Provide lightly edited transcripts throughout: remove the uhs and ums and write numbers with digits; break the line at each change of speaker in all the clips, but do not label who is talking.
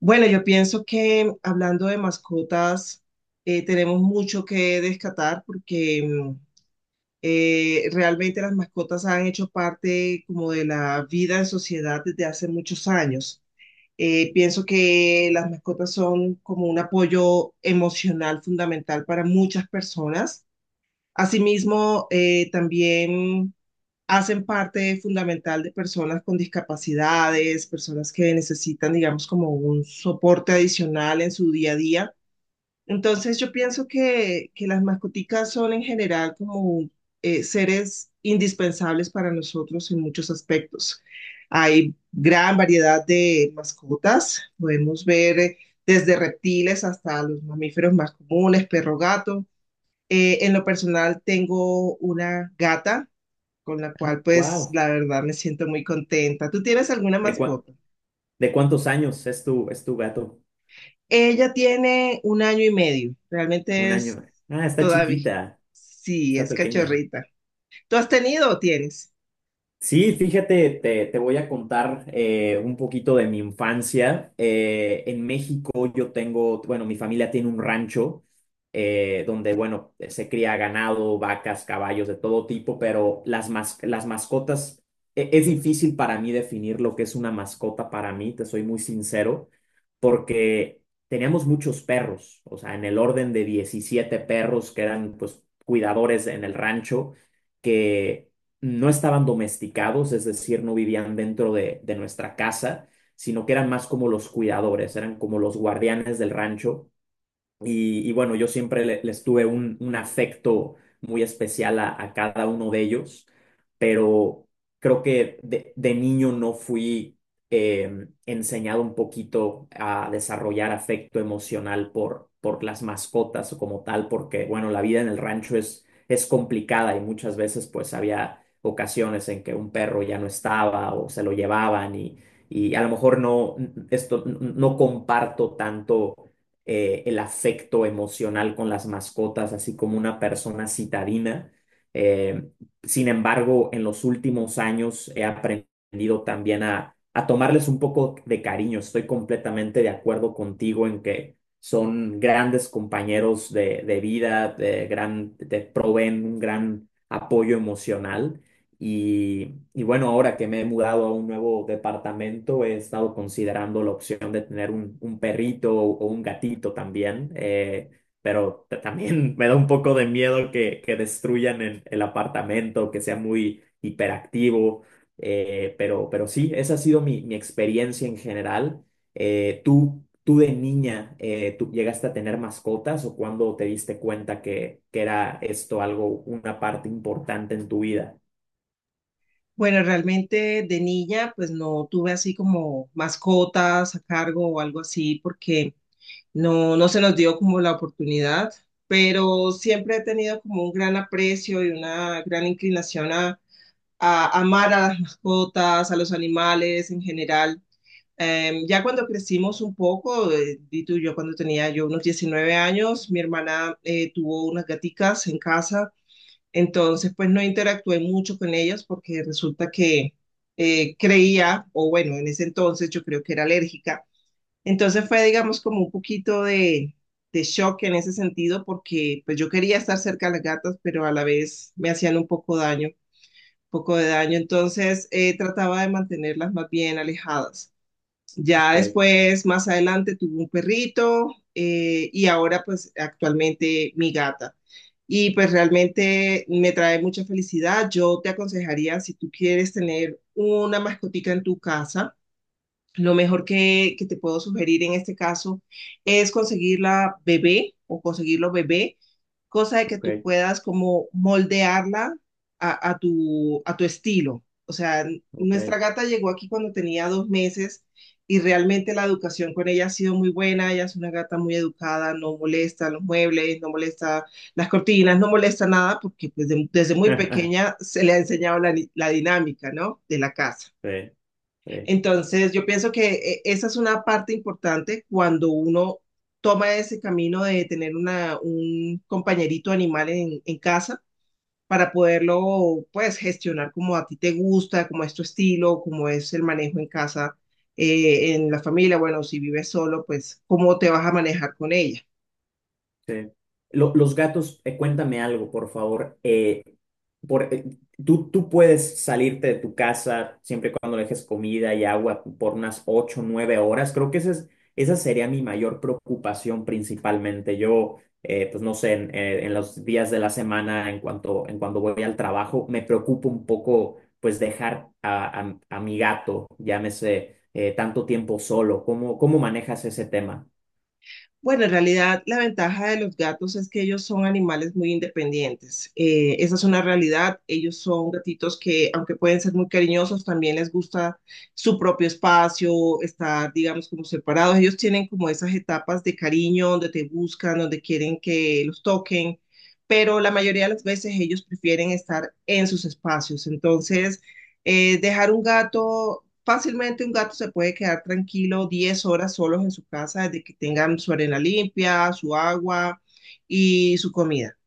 Bueno, yo pienso que hablando de mascotas, tenemos mucho que descatar porque realmente las mascotas han hecho parte como de la vida en sociedad desde hace muchos años. Pienso que las mascotas son como un apoyo emocional fundamental para muchas personas. Asimismo, también hacen parte fundamental de personas con discapacidades, personas que necesitan, digamos, como un soporte adicional en su día a día. Entonces yo pienso que las mascoticas son en general como seres indispensables para nosotros en muchos aspectos. Hay gran variedad de mascotas, podemos ver desde reptiles hasta los mamíferos más comunes, perro, gato. En lo personal tengo una gata con la cual pues
Wow.
la verdad me siento muy contenta. ¿Tú tienes alguna
¿De cua-
mascota?
de cuántos años es tu gato?
Ella tiene un año y medio,
Un
realmente es
año. Ah, está
todavía,
chiquita,
sí,
está
es
pequeña.
cachorrita. ¿Tú has tenido o tienes?
Sí, fíjate, te voy a contar un poquito de mi infancia. En México yo tengo, bueno, mi familia tiene un rancho donde, bueno, se cría ganado, vacas, caballos de todo tipo, pero las mascotas, es difícil para mí definir lo que es una mascota para mí, te soy muy sincero, porque teníamos muchos perros, o sea, en el orden de 17 perros que eran, pues, cuidadores en el rancho que no estaban domesticados, es decir, no vivían dentro de nuestra casa, sino que eran más como los cuidadores, eran como los guardianes del rancho y bueno, yo siempre les tuve un afecto muy especial a cada uno de ellos, pero creo que de niño no fui enseñado un poquito a desarrollar afecto emocional por las mascotas o como tal, porque bueno, la vida en el rancho es complicada y muchas veces pues había ocasiones en que un perro ya no estaba o se lo llevaban y a lo mejor no, no comparto tanto el afecto emocional con las mascotas, así como una persona citadina. Eh, Sin embargo, en los últimos años he aprendido también a tomarles un poco de cariño. Estoy completamente de acuerdo contigo en que son grandes compañeros de vida, te proveen un gran apoyo emocional. Y bueno, ahora que me he mudado a un nuevo departamento, he estado considerando la opción de tener un perrito o un gatito también, pero también me da un poco de miedo que destruyan el apartamento, que sea muy hiperactivo, pero sí, esa ha sido mi experiencia en general. ¿Tú de niña, tú llegaste a tener mascotas o cuándo te diste cuenta que era esto algo, una parte importante en tu vida?
Bueno, realmente de niña, pues no tuve así como mascotas a cargo o algo así, porque no, no se nos dio como la oportunidad, pero siempre he tenido como un gran aprecio y una gran inclinación a amar a las mascotas, a los animales en general. Ya cuando crecimos un poco, di tú, yo cuando tenía yo unos 19 años, mi hermana tuvo unas gaticas en casa, entonces pues no interactué mucho con ellas porque resulta que creía, o bueno, en ese entonces yo creo que era alérgica, entonces fue, digamos, como un poquito de shock en ese sentido porque pues yo quería estar cerca de las gatas, pero a la vez me hacían un poco daño, poco de daño. Entonces trataba de mantenerlas más bien alejadas. Ya
Ok.
después, más adelante, tuve un perrito y ahora pues actualmente mi gata. Y pues realmente me trae mucha felicidad. Yo te aconsejaría, si tú quieres tener una mascotica en tu casa, lo mejor que te puedo sugerir en este caso es conseguirla bebé o conseguirlo bebé, cosa de que tú
Ok,
puedas como moldearla a tu, a tu estilo. O sea,
ok.
nuestra gata llegó aquí cuando tenía dos meses y realmente la educación con ella ha sido muy buena. Ella es una gata muy educada, no molesta los muebles, no molesta las cortinas, no molesta nada porque pues, desde muy pequeña se le ha enseñado la dinámica, ¿no? De la casa.
Sí, sí.
Entonces, yo pienso que esa es una parte importante cuando uno toma ese camino de tener una, un compañerito animal en casa para poderlo, pues, gestionar como a ti te gusta, como es tu estilo, como es el manejo en casa, en la familia. Bueno, si vives solo, pues, ¿cómo te vas a manejar con ella?
Sí. Los gatos, cuéntame algo, por favor. Por, eh, tú puedes salirte de tu casa siempre y cuando le dejes comida y agua por unas ocho o 9 horas. Creo que esa sería mi mayor preocupación principalmente. Yo, pues no sé, en los días de la semana, en cuando voy al trabajo, me preocupa un poco, pues dejar a mi gato, llámese, tanto tiempo solo. ¿Cómo manejas ese tema?
Bueno, en realidad la ventaja de los gatos es que ellos son animales muy independientes. Esa es una realidad. Ellos son gatitos que, aunque pueden ser muy cariñosos, también les gusta su propio espacio, estar, digamos, como separados. Ellos tienen como esas etapas de cariño donde te buscan, donde quieren que los toquen, pero la mayoría de las veces ellos prefieren estar en sus espacios. Entonces, dejar un gato fácilmente un gato se puede quedar tranquilo 10 horas solos en su casa desde que tengan su arena limpia, su agua y su comida.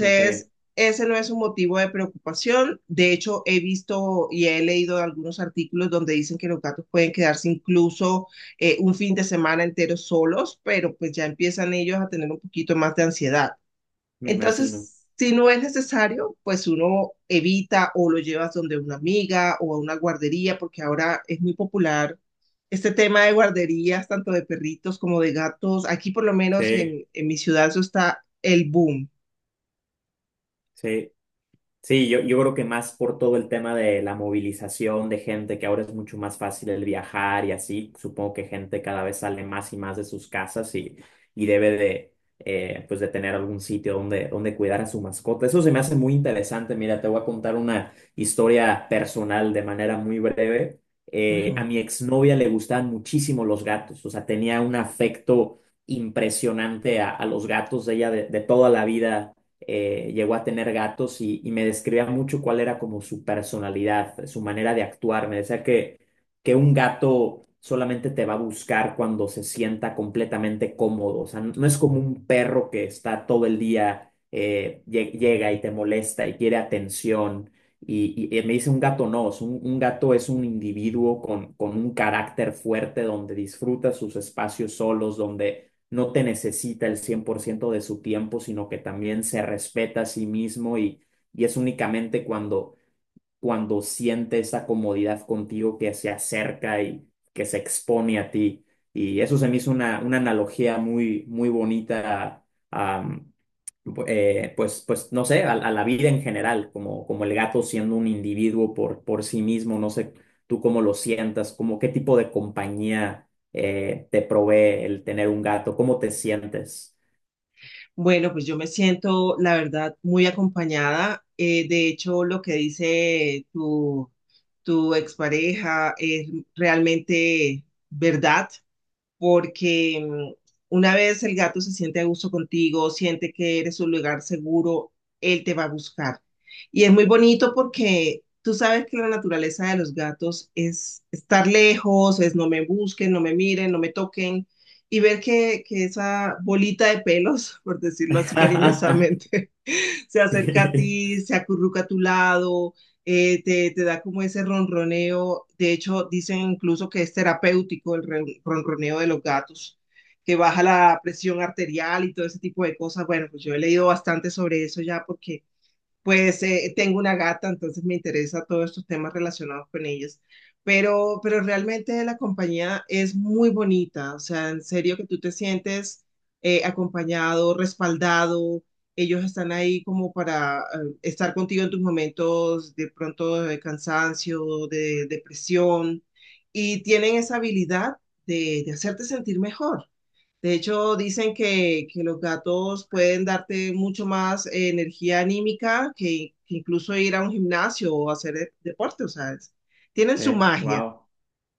Ok,
ese no es un motivo de preocupación. De hecho, he visto y he leído algunos artículos donde dicen que los gatos pueden quedarse incluso un fin de semana entero solos, pero pues ya empiezan ellos a tener un poquito más de ansiedad.
me imagino.
Entonces, si no es necesario, pues uno evita o lo llevas donde una amiga o a una guardería, porque ahora es muy popular este tema de guarderías, tanto de perritos como de gatos. Aquí por lo menos
Sí.
en mi ciudad eso está el boom.
Sí, sí, yo creo que más por todo el tema de la movilización de gente, que ahora es mucho más fácil el viajar y así, supongo que gente cada vez sale más y más de sus casas y debe de, pues de tener algún sitio donde cuidar a su mascota. Eso se me hace muy interesante. Mira, te voy a contar una historia personal de manera muy breve.
Ujú.
A mi exnovia le gustaban muchísimo los gatos, o sea, tenía un afecto impresionante a los gatos de ella de toda la vida, llegó a tener gatos y me describía mucho cuál era como su personalidad, su manera de actuar. Me decía que un gato solamente te va a buscar cuando se sienta completamente cómodo. O sea, no es como un perro que está todo el día, llega y te molesta y quiere atención. Y me dice un gato no, es un gato es un individuo con un carácter fuerte donde disfruta sus espacios solos, donde no te necesita el 100% de su tiempo, sino que también se respeta a sí mismo y es únicamente cuando siente esa comodidad contigo que se acerca y que se expone a ti. Y eso se me hizo una analogía muy, muy bonita a, a, pues no sé, a la vida en general, como el gato siendo un individuo por sí mismo, no sé tú cómo lo sientas, como qué tipo de compañía te provee el tener un gato, cómo te sientes.
Bueno, pues yo me siento, la verdad, muy acompañada. De hecho, lo que dice tu expareja es realmente verdad, porque una vez el gato se siente a gusto contigo, siente que eres un lugar seguro, él te va a buscar. Y es muy bonito porque tú sabes que la naturaleza de los gatos es estar lejos, es no me busquen, no me miren, no me toquen, y ver que esa bolita de pelos, por decirlo así cariñosamente, se acerca a
Sí.
ti, se acurruca a tu lado, da como ese ronroneo. De hecho, dicen incluso que es terapéutico el ronroneo de los gatos, que baja la presión arterial y todo ese tipo de cosas. Bueno, pues yo he leído bastante sobre eso ya porque pues tengo una gata, entonces me interesa todos estos temas relacionados con ellos. Pero realmente la compañía es muy bonita, o sea, en serio que tú te sientes acompañado, respaldado, ellos están ahí como para estar contigo en tus momentos de pronto de cansancio, de depresión, y tienen esa habilidad de hacerte sentir mejor. De hecho, dicen que los gatos pueden darte mucho más energía anímica que incluso ir a un gimnasio o hacer deporte, o sea, es- tienen su magia,
Wow,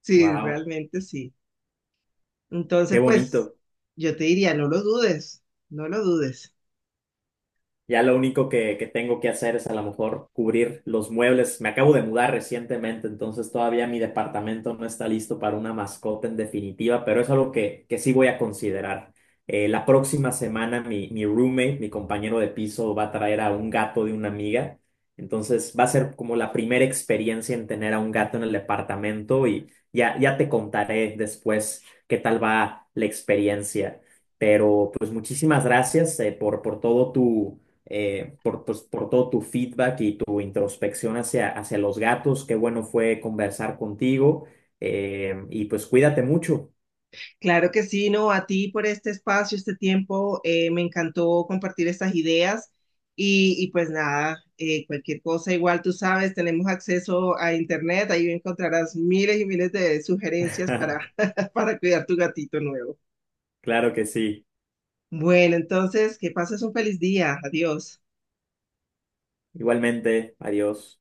sí,
wow,
realmente sí.
qué
Entonces, pues
bonito.
yo te diría, no lo dudes, no lo dudes.
Ya lo único que tengo que hacer es a lo mejor cubrir los muebles. Me acabo de mudar recientemente, entonces todavía mi departamento no está listo para una mascota en definitiva, pero es algo que sí voy a considerar. La próxima semana mi roommate, mi compañero de piso, va a traer a un gato de una amiga. Entonces va a ser como la primera experiencia en tener a un gato en el departamento y ya te contaré después qué tal va la experiencia. Pero pues muchísimas gracias por todo tu feedback y tu introspección hacia los gatos. Qué bueno fue conversar contigo. Y pues cuídate mucho.
Claro que sí, no, a ti por este espacio, este tiempo, me encantó compartir estas ideas y pues nada, cualquier cosa, igual tú sabes, tenemos acceso a internet, ahí encontrarás miles y miles de sugerencias para, para cuidar tu gatito nuevo.
Claro que sí.
Bueno, entonces, que pases un feliz día, adiós.
Igualmente, adiós.